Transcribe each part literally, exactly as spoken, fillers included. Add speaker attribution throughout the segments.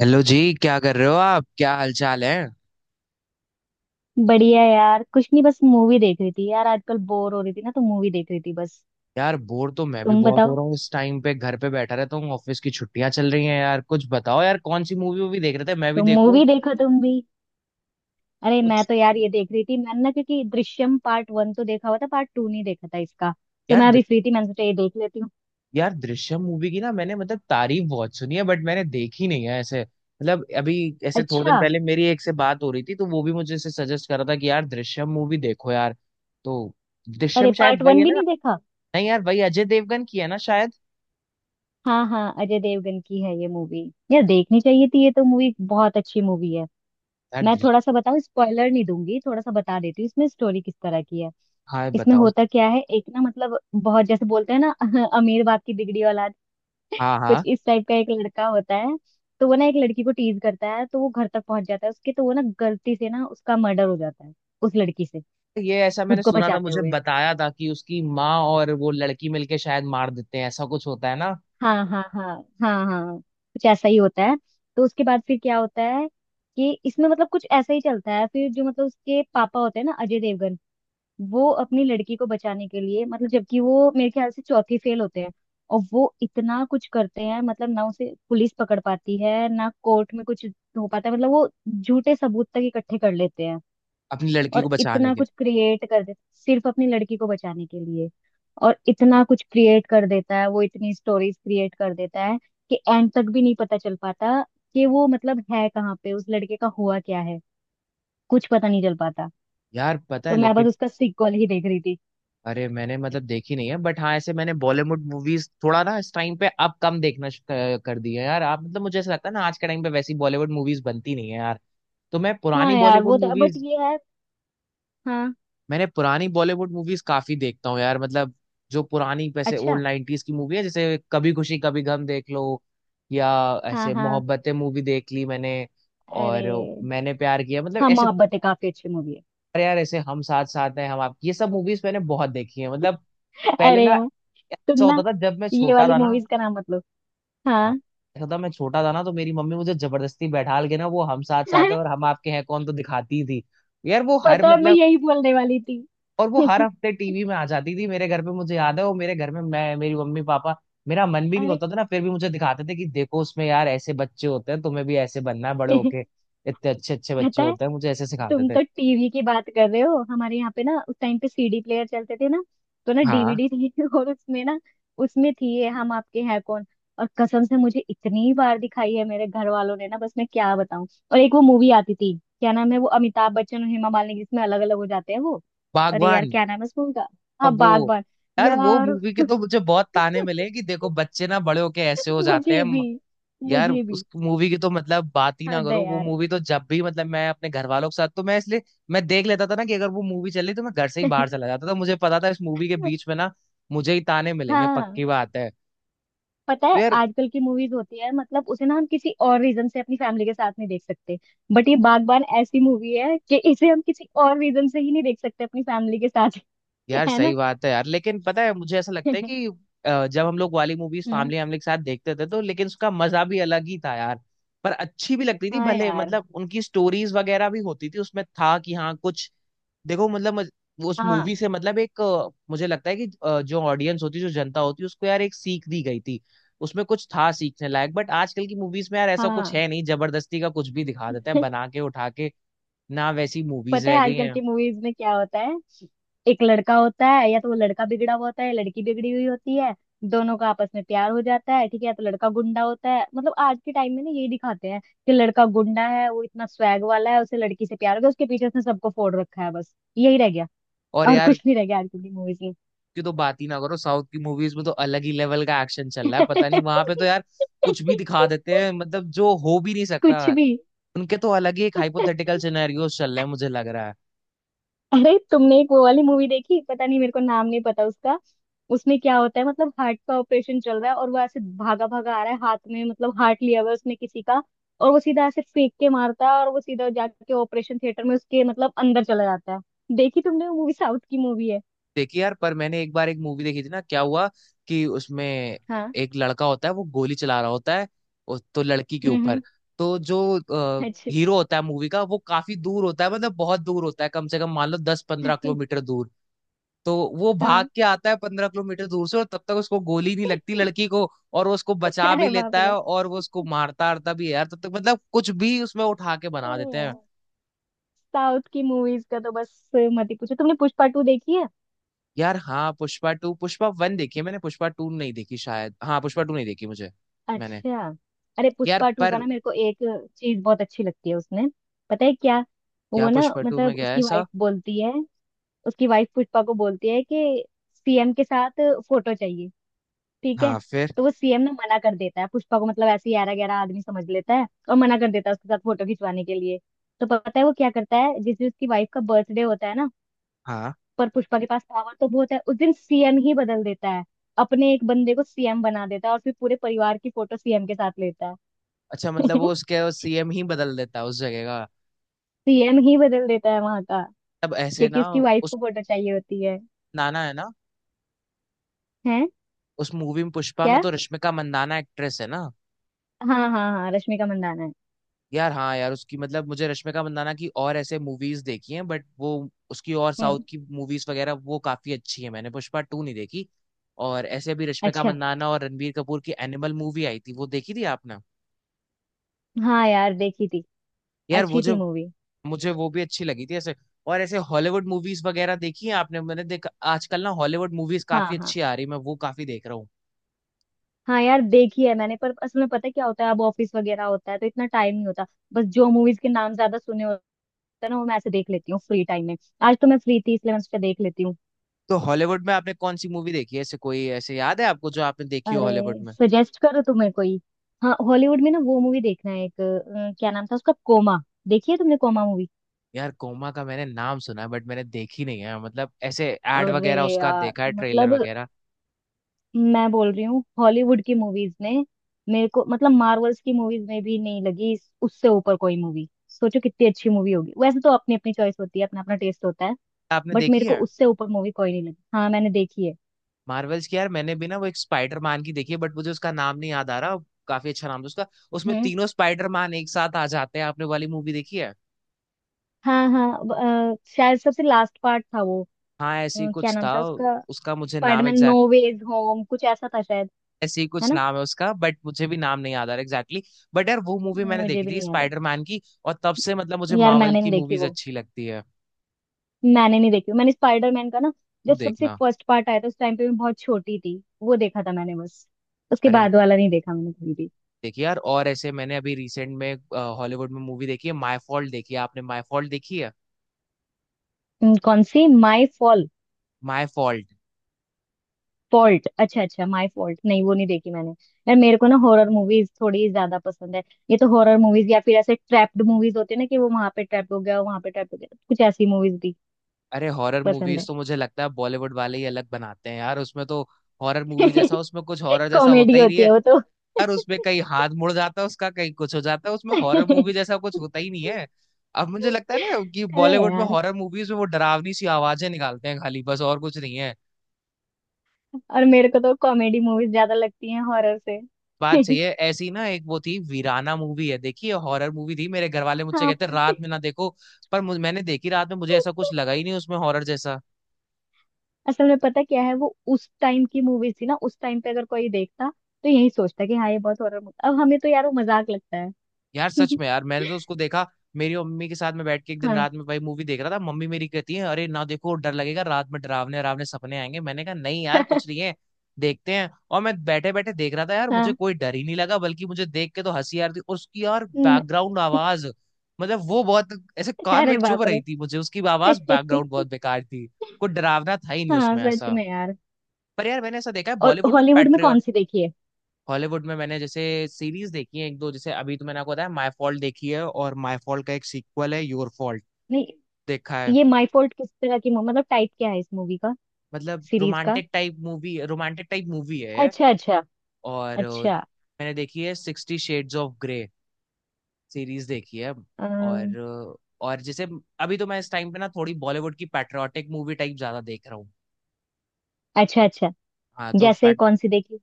Speaker 1: Hello जी, क्या कर रहे हो आप? क्या हालचाल है?
Speaker 2: बढ़िया यार, कुछ नहीं, बस मूवी देख रही थी। यार, आजकल बोर हो रही थी ना, तो मूवी देख रही थी बस।
Speaker 1: यार बोर तो मैं भी
Speaker 2: तुम
Speaker 1: बहुत हो
Speaker 2: बताओ।
Speaker 1: रहा हूँ। इस टाइम पे घर पे बैठा रहता हूँ, ऑफिस की छुट्टियां चल रही हैं। यार कुछ बताओ यार, कौन सी मूवी वूवी देख रहे थे, मैं भी
Speaker 2: तुम
Speaker 1: देखूं
Speaker 2: मूवी देखो तुम भी। अरे मैं
Speaker 1: कुछ।
Speaker 2: तो यार ये देख रही थी मैंने ना, क्योंकि दृश्यम पार्ट वन तो देखा हुआ था, पार्ट टू नहीं देखा था इसका। तो
Speaker 1: यार
Speaker 2: मैं
Speaker 1: दृ-
Speaker 2: अभी फ्री थी, मैंने सोचा ये देख लेती हूँ।
Speaker 1: यार दृश्यम मूवी की ना, मैंने मतलब तारीफ बहुत सुनी है, बट मैंने देखी नहीं है ऐसे, मतलब अभी ऐसे थोड़े
Speaker 2: अच्छा।
Speaker 1: दिन पहले मेरी एक से बात हो रही थी, तो वो भी मुझे ऐसे सजेस्ट कर रहा था कि यार दृश्यम मूवी देखो यार। तो
Speaker 2: अरे
Speaker 1: दृश्यम शायद
Speaker 2: पार्ट
Speaker 1: वही
Speaker 2: वन
Speaker 1: है
Speaker 2: भी
Speaker 1: ना?
Speaker 2: नहीं देखा।
Speaker 1: नहीं यार, वही अजय देवगन की है ना शायद।
Speaker 2: हाँ हाँ, अजय देवगन की है ये मूवी। यार देखनी चाहिए थी, ये तो मूवी बहुत अच्छी मूवी है।
Speaker 1: यार
Speaker 2: मैं
Speaker 1: दृश्यम।
Speaker 2: थोड़ा सा बताऊं, स्पॉइलर नहीं दूंगी, थोड़ा सा बता देती हूँ इसमें स्टोरी किस तरह की है।
Speaker 1: हाँ
Speaker 2: इसमें
Speaker 1: बताओ।
Speaker 2: होता क्या है, एक ना मतलब बहुत जैसे बोलते हैं ना अमीर बाप की बिगड़ी औलाद,
Speaker 1: हाँ
Speaker 2: कुछ
Speaker 1: हाँ,
Speaker 2: इस टाइप का एक लड़का होता है। तो वो ना एक लड़की को टीज करता है, तो वो घर तक पहुंच जाता है उसके, तो वो ना गलती से ना उसका मर्डर हो जाता है उस लड़की से
Speaker 1: ये ऐसा मैंने
Speaker 2: खुद को
Speaker 1: सुना था,
Speaker 2: बचाते
Speaker 1: मुझे
Speaker 2: हुए।
Speaker 1: बताया था कि उसकी माँ और वो लड़की मिलके शायद मार देते हैं, ऐसा कुछ होता है ना,
Speaker 2: हाँ हाँ हाँ। हाँ हाँ, कुछ ऐसा ही होता है। तो उसके बाद फिर क्या होता है कि इसमें मतलब कुछ ऐसा ही चलता है। फिर जो मतलब उसके पापा होते हैं ना, अजय देवगन, वो अपनी लड़की को बचाने के लिए मतलब, जबकि वो मेरे ख्याल से चौथी फेल होते हैं, और वो इतना कुछ करते हैं मतलब ना, उसे पुलिस पकड़ पाती है ना, कोर्ट में कुछ हो पाता है, मतलब वो झूठे सबूत तक इकट्ठे कर लेते हैं।
Speaker 1: अपनी लड़की
Speaker 2: और
Speaker 1: को बचाने
Speaker 2: इतना
Speaker 1: के
Speaker 2: कुछ क्रिएट कर देते सिर्फ अपनी लड़की को बचाने के लिए। और इतना कुछ क्रिएट कर देता है, वो इतनी स्टोरीज क्रिएट कर देता है कि एंड तक भी नहीं पता चल पाता कि वो मतलब है कहाँ पे, उस लड़के का हुआ क्या है, कुछ पता नहीं चल पाता।
Speaker 1: लिए। यार पता है,
Speaker 2: तो मैं
Speaker 1: लेकिन
Speaker 2: बस उसका सीक्वल ही देख रही थी।
Speaker 1: अरे मैंने मतलब देखी नहीं है, बट हाँ ऐसे मैंने बॉलीवुड मूवीज थोड़ा ना इस टाइम पे अब कम देखना श- क- कर दी है यार। आप मतलब, मुझे ऐसा लगता है ना, आज के टाइम पे वैसी बॉलीवुड मूवीज बनती नहीं है यार। तो मैं
Speaker 2: हाँ
Speaker 1: पुरानी
Speaker 2: यार
Speaker 1: बॉलीवुड
Speaker 2: वो तो, बट
Speaker 1: मूवीज,
Speaker 2: ये है। हाँ।
Speaker 1: मैंने पुरानी बॉलीवुड मूवीज काफी देखता हूँ यार। मतलब जो पुरानी, वैसे
Speaker 2: अच्छा।
Speaker 1: ओल्ड नाइंटीज की मूवी है, जैसे कभी खुशी कभी गम देख लो, या
Speaker 2: हाँ
Speaker 1: ऐसे
Speaker 2: हाँ।
Speaker 1: मोहब्बतें मूवी देख ली मैंने,
Speaker 2: अरे।
Speaker 1: और मैंने प्यार किया, मतलब
Speaker 2: हाँ,
Speaker 1: ऐसे
Speaker 2: मोहब्बतें काफी अच्छी मूवी है।
Speaker 1: अरे यार ऐसे हम साथ साथ हैं, हम आप, ये सब मूवीज मैंने बहुत देखी है। मतलब पहले
Speaker 2: अरे
Speaker 1: ना
Speaker 2: यार। तुम
Speaker 1: ऐसा
Speaker 2: ना,
Speaker 1: होता था जब मैं
Speaker 2: ये
Speaker 1: छोटा
Speaker 2: वाली
Speaker 1: था ना।
Speaker 2: मूवीज का नाम मत लो।
Speaker 1: हाँ,
Speaker 2: हाँ।
Speaker 1: ऐसा था, मैं छोटा था ना तो मेरी मम्मी मुझे जबरदस्ती बैठाल के ना वो हम साथ साथ है
Speaker 2: अरे
Speaker 1: और हम आपके हैं कौन तो दिखाती थी। यार वो हर
Speaker 2: पता है, मैं
Speaker 1: मतलब,
Speaker 2: यही बोलने वाली थी।
Speaker 1: और वो हर हफ्ते टीवी में आ जाती थी मेरे घर पे। मुझे याद है वो मेरे घर में, मैं, मेरी मम्मी पापा, मेरा मन भी नहीं
Speaker 2: अरे।
Speaker 1: होता था ना, फिर भी मुझे दिखाते थे कि देखो उसमें यार ऐसे बच्चे होते हैं, तुम्हें भी ऐसे बनना है बड़े होके, इतने अच्छे अच्छे बच्चे
Speaker 2: पता है,
Speaker 1: होते हैं, मुझे ऐसे सिखाते
Speaker 2: तुम
Speaker 1: थे।
Speaker 2: तो टीवी की बात कर रहे हो। हमारे यहाँ पे ना उस टाइम पे सीडी प्लेयर चलते थे ना, तो ना
Speaker 1: हाँ
Speaker 2: डीवीडी थी और उसमें ना, उसमें थी ये हम आपके हैं कौन। और कसम से मुझे इतनी बार दिखाई है मेरे घर वालों ने ना, बस मैं क्या बताऊं। और एक वो मूवी आती थी, क्या नाम है वो, अमिताभ बच्चन और हेमा मालिनी, जिसमें अलग अलग हो जाते हैं वो। अरे यार
Speaker 1: बागवान।
Speaker 2: क्या नाम है उस मूवी का। हाँ,
Speaker 1: अब वो,
Speaker 2: बागबान।
Speaker 1: यार वो
Speaker 2: यार
Speaker 1: मूवी के तो मुझे बहुत ताने मिले कि देखो बच्चे ना बड़े होके ऐसे हो जाते
Speaker 2: मुझे
Speaker 1: हैं।
Speaker 2: भी।
Speaker 1: यार
Speaker 2: मुझे भी।
Speaker 1: उस मूवी की तो मतलब बात ही ना
Speaker 2: हद है
Speaker 1: करो। वो
Speaker 2: यार।
Speaker 1: मूवी तो जब भी, मतलब मैं अपने घर वालों के साथ, तो मैं इसलिए मैं देख लेता था ना कि अगर वो मूवी चली तो मैं घर से ही बाहर चला जाता था। मुझे पता था इस मूवी के बीच में ना मुझे ही ताने मिलेंगे,
Speaker 2: हाँ।
Speaker 1: पक्की बात है।
Speaker 2: पता
Speaker 1: तो
Speaker 2: है
Speaker 1: यार,
Speaker 2: आजकल की मूवीज होती है मतलब, उसे ना हम किसी और रीजन से अपनी फैमिली के साथ नहीं देख सकते। बट ये बागबान ऐसी मूवी है कि इसे हम किसी और रीजन से ही नहीं देख सकते अपनी फैमिली के साथ।
Speaker 1: यार
Speaker 2: है
Speaker 1: सही
Speaker 2: ना।
Speaker 1: बात है यार। लेकिन पता है मुझे ऐसा लगता है कि अ, जब हम लोग वाली मूवीज
Speaker 2: हम्म।
Speaker 1: फैमिली वैमिली के साथ देखते थे तो, लेकिन उसका मजा भी अलग ही था यार। पर अच्छी भी लगती थी,
Speaker 2: हाँ
Speaker 1: भले
Speaker 2: यार।
Speaker 1: मतलब उनकी स्टोरीज वगैरह भी होती थी, उसमें था कि हाँ कुछ देखो, मतलब मज- वो उस
Speaker 2: हाँ
Speaker 1: मूवी से मतलब एक अ, मुझे लगता है कि अ, जो ऑडियंस होती है, जो जनता होती है, उसको यार एक सीख दी गई थी। उसमें कुछ था सीखने लायक, बट आजकल की मूवीज में यार ऐसा कुछ
Speaker 2: हाँ।
Speaker 1: है नहीं, जबरदस्ती का कुछ भी दिखा देता है बना के उठा के, ना वैसी मूवीज
Speaker 2: पता है
Speaker 1: रह गई
Speaker 2: आजकल
Speaker 1: हैं।
Speaker 2: की मूवीज में क्या होता है, एक लड़का होता है, या तो वो लड़का बिगड़ा हुआ होता है या लड़की बिगड़ी हुई होती है। दोनों का आपस में प्यार हो जाता है, ठीक है। या तो लड़का गुंडा होता है, मतलब आज के टाइम में ना यही दिखाते हैं कि लड़का गुंडा है, वो इतना स्वैग वाला है, उसे लड़की से प्यार हो गया, उसके पीछे उसने सबको फोड़ रखा है, बस यही रह गया,
Speaker 1: और
Speaker 2: और
Speaker 1: यार
Speaker 2: कुछ नहीं रह गया आजकल की मूवीज में।
Speaker 1: की तो बात ही ना करो, साउथ की मूवीज में तो अलग ही लेवल का एक्शन चल रहा है, पता नहीं वहां पे तो यार कुछ भी दिखा देते हैं, मतलब जो हो भी नहीं सकता।
Speaker 2: कुछ भी।
Speaker 1: उनके तो अलग ही एक हाइपोथेटिकल सिनेरियोस चल रहे हैं, मुझे लग रहा है।
Speaker 2: अरे तुमने एक वो वाली मूवी देखी, पता नहीं, मेरे को नाम नहीं पता उसका। उसमें क्या होता है, मतलब हार्ट का ऑपरेशन चल रहा है और वो ऐसे भागा भागा आ रहा है हाथ में, मतलब हार्ट लिया हुआ है उसने किसी का, और वो सीधा ऐसे फेंक के मारता है और वो सीधा जाके ऑपरेशन थिएटर में उसके मतलब अंदर चला जाता है। देखी तुमने वो मूवी, साउथ की मूवी है।
Speaker 1: देखी यार, पर मैंने एक बार एक मूवी देखी थी ना, क्या हुआ कि उसमें
Speaker 2: हाँ।
Speaker 1: एक लड़का होता है, वो गोली चला रहा होता है उस- तो लड़की के
Speaker 2: हम्म
Speaker 1: ऊपर।
Speaker 2: हम्म,
Speaker 1: तो जो
Speaker 2: अच्छा।
Speaker 1: हीरो होता है मूवी का, वो काफी दूर होता है, मतलब बहुत दूर होता है, कम से कम मान लो दस पंद्रह किलोमीटर दूर। तो वो भाग
Speaker 2: हाँ।
Speaker 1: के आता है पंद्रह किलोमीटर दूर से, और तब तक उसको गोली नहीं लगती, लड़की को। और वो उसको बचा
Speaker 2: अरे
Speaker 1: भी
Speaker 2: बाप
Speaker 1: लेता है,
Speaker 2: रे।
Speaker 1: और वो उसको मारता आरता भी है यार तब तक। मतलब कुछ भी उसमें उठा के बना
Speaker 2: अरे
Speaker 1: देते हैं
Speaker 2: यार साउथ की मूवीज का तो बस मत ही पूछो। तुमने पुष्पा टू देखी है।
Speaker 1: यार। हाँ पुष्पा टू, पुष्पा वन देखी है मैंने, पुष्पा टू नहीं देखी शायद। हाँ पुष्पा टू नहीं देखी मुझे, मैंने,
Speaker 2: अच्छा। अरे
Speaker 1: यार
Speaker 2: पुष्पा टू का
Speaker 1: पर
Speaker 2: ना मेरे को एक चीज बहुत अच्छी लगती है उसमें, पता है क्या।
Speaker 1: क्या
Speaker 2: वो ना
Speaker 1: पुष्पा टू में
Speaker 2: मतलब
Speaker 1: गया है
Speaker 2: उसकी
Speaker 1: ऐसा?
Speaker 2: वाइफ बोलती है, उसकी वाइफ पुष्पा को बोलती है कि सीएम के साथ फोटो चाहिए, ठीक है।
Speaker 1: हाँ फिर।
Speaker 2: तो वो सीएम ना मना कर देता है पुष्पा को, मतलब ऐसे ग्यारह ग्यारह आदमी समझ लेता है, और मना कर देता है उसके साथ फोटो खिंचवाने के लिए। तो पता है वो क्या करता है, जिस दिन उसकी वाइफ का बर्थडे होता है ना,
Speaker 1: हाँ
Speaker 2: पर पुष्पा के पास पावर तो बहुत है, उस दिन सीएम ही बदल देता है। अपने एक बंदे को सीएम बना देता है और फिर पूरे परिवार की फोटो सीएम के साथ लेता
Speaker 1: अच्छा, मतलब
Speaker 2: है।
Speaker 1: वो उसके सीएम ही बदल देता है उस जगह का?
Speaker 2: सीएम ही बदल देता है वहां का,
Speaker 1: तब ऐसे
Speaker 2: क्योंकि
Speaker 1: ना,
Speaker 2: उसकी वाइफ
Speaker 1: उस,
Speaker 2: को फोटो चाहिए होती है।
Speaker 1: नाना है ना,
Speaker 2: हैं?
Speaker 1: उस मूवी में, पुष्पा में
Speaker 2: क्या?
Speaker 1: तो रश्मिका मंदाना एक्ट्रेस है ना?
Speaker 2: हाँ हाँ हाँ, रश्मिका मंदाना है।
Speaker 1: यार हाँ यार, उसकी मतलब मुझे रश्मिका मंदाना की और ऐसे मूवीज देखी हैं, बट वो उसकी और साउथ
Speaker 2: हम्म।
Speaker 1: की मूवीज वगैरह वो काफी अच्छी है। मैंने पुष्पा टू नहीं देखी। और ऐसे भी रश्मिका
Speaker 2: अच्छा।
Speaker 1: मंदाना और रणबीर कपूर की एनिमल मूवी आई थी, वो देखी थी आपने?
Speaker 2: हाँ यार, देखी थी।
Speaker 1: यार वो
Speaker 2: अच्छी थी
Speaker 1: जो,
Speaker 2: मूवी।
Speaker 1: मुझे वो भी अच्छी लगी थी ऐसे। और ऐसे हॉलीवुड मूवीज वगैरह देखी है आपने? मैंने देखा आजकल ना हॉलीवुड मूवीज
Speaker 2: हाँ
Speaker 1: काफी
Speaker 2: हाँ।
Speaker 1: अच्छी आ रही, मैं वो काफी देख रहा हूँ।
Speaker 2: हाँ यार देखी है मैंने, पर असल में पता है क्या होता है, अब ऑफिस वगैरह होता है तो इतना टाइम नहीं होता। बस जो मूवीज के नाम ज्यादा सुने होते हैं ना, वो मैं ऐसे देख लेती हूँ फ्री टाइम में। आज तो मैं फ्री थी, इसलिए मैं उस पर देख लेती हूँ।
Speaker 1: तो हॉलीवुड में आपने कौन सी मूवी देखी है ऐसे? कोई ऐसे याद है आपको जो आपने देखी हो
Speaker 2: अरे
Speaker 1: हॉलीवुड में?
Speaker 2: सजेस्ट करो तुम्हें कोई। हाँ हॉलीवुड में ना वो मूवी देखना है एक, अ, क्या नाम था उसका, कोमा। देखी है तुमने कोमा मूवी।
Speaker 1: यार कोमा का मैंने नाम सुना है, बट मैंने देखी नहीं है। मतलब ऐसे एड
Speaker 2: अरे
Speaker 1: वगैरह उसका
Speaker 2: यार,
Speaker 1: देखा है, ट्रेलर
Speaker 2: मतलब
Speaker 1: वगैरह।
Speaker 2: मैं बोल रही हूँ हॉलीवुड की मूवीज ने मेरे को, मतलब मार्वल्स की मूवीज में भी नहीं लगी इस- उससे ऊपर कोई मूवी, सोचो कितनी अच्छी मूवी होगी। वैसे तो अपनी अपनी चॉइस होती है, अपना अपना टेस्ट होता है,
Speaker 1: आपने
Speaker 2: बट
Speaker 1: देखी
Speaker 2: मेरे को
Speaker 1: है?
Speaker 2: उससे ऊपर मूवी कोई नहीं लगी। हाँ मैंने देखी है।
Speaker 1: मार्वल्स की यार मैंने भी ना, वो एक स्पाइडर मैन की देखी है बट मुझे उसका नाम नहीं याद आ रहा, काफी अच्छा नाम था उसका। उसमें
Speaker 2: हम्म।
Speaker 1: तीनों स्पाइडर मैन एक साथ आ जाते हैं, आपने वाली मूवी देखी है?
Speaker 2: हाँ हाँ। अ, शायद सबसे लास्ट पार्ट था वो।
Speaker 1: हाँ
Speaker 2: अ,
Speaker 1: ऐसी
Speaker 2: क्या
Speaker 1: कुछ
Speaker 2: नाम
Speaker 1: था।
Speaker 2: था उसका,
Speaker 1: उसका मुझे नाम
Speaker 2: Spider Man no
Speaker 1: exact,
Speaker 2: ways home, कुछ ऐसा था शायद,
Speaker 1: ऐसे ही
Speaker 2: है
Speaker 1: कुछ
Speaker 2: ना।
Speaker 1: नाम है उसका, बट मुझे भी नाम नहीं याद आ रहा एग्जैक्टली। बट यार वो मूवी मैंने
Speaker 2: मुझे
Speaker 1: देखी
Speaker 2: भी
Speaker 1: थी
Speaker 2: नहीं याद
Speaker 1: स्पाइडर मैन की, और तब से मतलब मुझे
Speaker 2: है यार,
Speaker 1: मार्वल
Speaker 2: मैंने
Speaker 1: की
Speaker 2: नहीं देखी
Speaker 1: मूवीज
Speaker 2: वो।
Speaker 1: अच्छी लगती है।
Speaker 2: मैंने नहीं देखी, मैंने स्पाइडरमैन का ना,
Speaker 1: जरूर
Speaker 2: जब सबसे
Speaker 1: देखना।
Speaker 2: फर्स्ट पार्ट आया था उस टाइम पे मैं बहुत छोटी थी, वो देखा था मैंने बस, उसके
Speaker 1: अरे
Speaker 2: बाद वाला नहीं देखा मैंने कभी भी।
Speaker 1: देखिए यार, और ऐसे मैंने अभी रिसेंट में हॉलीवुड में मूवी देखी है, माय फॉल्ट। देखी है आपने माय फॉल्ट? देखी है
Speaker 2: हम्म, कौन सी, My Fall
Speaker 1: My Fault?
Speaker 2: Fault, अच्छा अच्छा, माई फॉल्ट, नहीं वो नहीं देखी मैंने। यार मेरे को ना हॉरर मूवीज थोड़ी ज्यादा पसंद है। ये तो हॉरर मूवीज या फिर ऐसे ट्रैप्ड मूवीज होते हैं ना कि वो वहां पे ट्रैप हो गया, वहां पे ट्रैप हो गया, कुछ ऐसी मूवीज भी
Speaker 1: अरे हॉरर
Speaker 2: पसंद है।
Speaker 1: मूवीज तो मुझे लगता है बॉलीवुड वाले ही अलग बनाते हैं यार। उसमें तो हॉरर मूवी जैसा, उसमें कुछ हॉरर जैसा होता
Speaker 2: कॉमेडी
Speaker 1: ही नहीं
Speaker 2: होती
Speaker 1: है।
Speaker 2: है वो तो।
Speaker 1: यार उसमें कहीं हाथ मुड़ जाता है उसका, कहीं कुछ हो जाता है, उसमें हॉरर मूवी जैसा कुछ होता ही नहीं है। अब मुझे लगता है ना कि
Speaker 2: अरे
Speaker 1: बॉलीवुड में
Speaker 2: यार।
Speaker 1: हॉरर मूवीज में वो डरावनी सी आवाजें निकालते हैं खाली, बस और कुछ नहीं है।
Speaker 2: और मेरे को तो कॉमेडी मूवीज ज्यादा लगती हैं हॉरर से।
Speaker 1: बात सही है। ऐसी ना एक वो थी वीराना मूवी है, देखिए हॉरर मूवी थी, मेरे घर वाले मुझसे
Speaker 2: हाँ।
Speaker 1: कहते रात में ना देखो, पर मुझ- मैंने देखी रात में, मुझे ऐसा कुछ लगा ही नहीं उसमें हॉरर जैसा।
Speaker 2: असल में पता क्या है, वो उस टाइम की मूवीज थी ना, उस टाइम पे अगर कोई देखता तो यही सोचता कि हाँ ये बहुत हॉरर मूवी, अब हमें तो यार वो मजाक लगता है।
Speaker 1: यार सच में यार, मैंने तो उसको देखा मेरी मम्मी के साथ में बैठ के, एक दिन
Speaker 2: हाँ।
Speaker 1: रात में भाई मूवी देख रहा था, मम्मी मेरी कहती है अरे ना देखो, डर लगेगा रात में, डरावने डरावने सपने आएंगे। मैंने कहा नहीं यार कुछ नहीं है, देखते हैं। और मैं बैठे बैठे देख रहा था यार, मुझे
Speaker 2: हाँ।
Speaker 1: कोई डर ही नहीं लगा, बल्कि मुझे देख के तो हंसी आ रही थी। और उसकी यार
Speaker 2: न-
Speaker 1: बैकग्राउंड आवाज, मतलब वो बहुत ऐसे कान में
Speaker 2: अरे
Speaker 1: चुभ
Speaker 2: बाप
Speaker 1: रही
Speaker 2: रे।
Speaker 1: थी, मुझे उसकी आवाज बैकग्राउंड बहुत बेकार थी। कोई डरावना था ही नहीं
Speaker 2: हाँ
Speaker 1: उसमें
Speaker 2: सच
Speaker 1: ऐसा।
Speaker 2: में यार।
Speaker 1: पर यार मैंने ऐसा देखा है
Speaker 2: और
Speaker 1: बॉलीवुड में,
Speaker 2: हॉलीवुड में
Speaker 1: पैट्रियट।
Speaker 2: कौन सी देखी है।
Speaker 1: हॉलीवुड में मैंने जैसे सीरीज देखी है एक दो, जैसे अभी तो मैंने आपको बताया माय फॉल्ट देखी है, और माय फॉल्ट का एक सीक्वल है योर फॉल्ट,
Speaker 2: नहीं,
Speaker 1: देखा है।
Speaker 2: ये माय फॉल्ट किस तरह की मु- मतलब टाइप क्या है इस मूवी का,
Speaker 1: मतलब
Speaker 2: सीरीज का।
Speaker 1: Romantic type movie, romantic type movie है।
Speaker 2: अच्छा अच्छा।
Speaker 1: और अ,
Speaker 2: अच्छा।
Speaker 1: मैंने देखी है sixty shades of grey series, देखी है। और
Speaker 2: अम,
Speaker 1: अ, और जैसे अभी तो मैं इस टाइम पे ना थोड़ी बॉलीवुड की पैट्रियाटिक मूवी टाइप ज्यादा देख रहा हूँ।
Speaker 2: अच्छा अच्छा।
Speaker 1: हाँ तो
Speaker 2: जैसे
Speaker 1: पैट
Speaker 2: कौन सी देखी।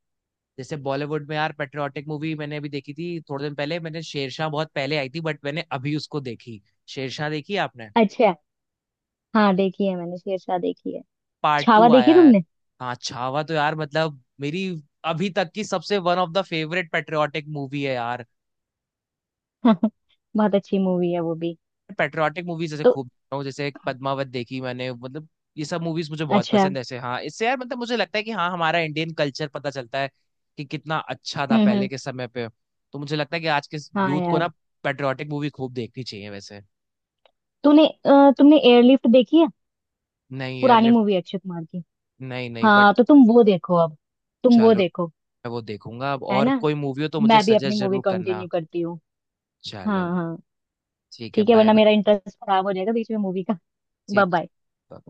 Speaker 1: जैसे बॉलीवुड में यार पैट्रियाटिक मूवी मैंने अभी देखी थी थोड़े दिन पहले, मैंने शेरशाह, बहुत पहले आई थी बट मैंने अभी उसको देखी। शेरशाह देखी है आपने?
Speaker 2: अच्छा। हाँ देखी है मैंने, शेरशाह देखी है।
Speaker 1: पार्ट
Speaker 2: छावा
Speaker 1: टू
Speaker 2: देखी
Speaker 1: आया है।
Speaker 2: तुमने।
Speaker 1: हाँ छावा तो यार मतलब मेरी अभी तक की सबसे one of the favourite patriotic movie है यार।
Speaker 2: बहुत अच्छी मूवी है वो भी।
Speaker 1: पेट्रियाटिक मूवीज जैसे
Speaker 2: तो
Speaker 1: खूब देखता हूँ, जैसे पद्मावत देखी मैंने, मतलब ये सब मूवीज मुझे बहुत
Speaker 2: अच्छा।
Speaker 1: पसंद है ऐसे। हाँ इससे यार मतलब मुझे लगता है कि हाँ हमारा इंडियन कल्चर पता चलता है कि कितना अच्छा था
Speaker 2: हम्म
Speaker 1: पहले
Speaker 2: हम्म।
Speaker 1: के समय पे। तो मुझे लगता है कि आज के
Speaker 2: हाँ
Speaker 1: यूथ को ना
Speaker 2: यार।
Speaker 1: पेट्रियाटिक मूवी खूब देखनी चाहिए वैसे।
Speaker 2: तूने अ, तुमने एयरलिफ्ट देखी है।
Speaker 1: नहीं
Speaker 2: पुरानी
Speaker 1: एयरलिफ्ट,
Speaker 2: मूवी है, अक्षय कुमार की।
Speaker 1: नहीं नहीं
Speaker 2: हाँ
Speaker 1: बट
Speaker 2: तो तुम वो देखो अब। तुम वो
Speaker 1: चलो,
Speaker 2: देखो।
Speaker 1: मैं वो देखूंगा अब।
Speaker 2: है
Speaker 1: और
Speaker 2: ना।
Speaker 1: कोई मूवी हो तो मुझे
Speaker 2: मैं भी अपनी
Speaker 1: सजेस्ट
Speaker 2: मूवी
Speaker 1: जरूर करना।
Speaker 2: कंटिन्यू करती हूँ। हाँ
Speaker 1: चलो,
Speaker 2: हाँ।
Speaker 1: ठीक है,
Speaker 2: ठीक है,
Speaker 1: बाय
Speaker 2: वरना
Speaker 1: बाय।
Speaker 2: मेरा इंटरेस्ट खराब हो जाएगा बीच में मूवी का। बाय
Speaker 1: ठीक
Speaker 2: बाय।
Speaker 1: था।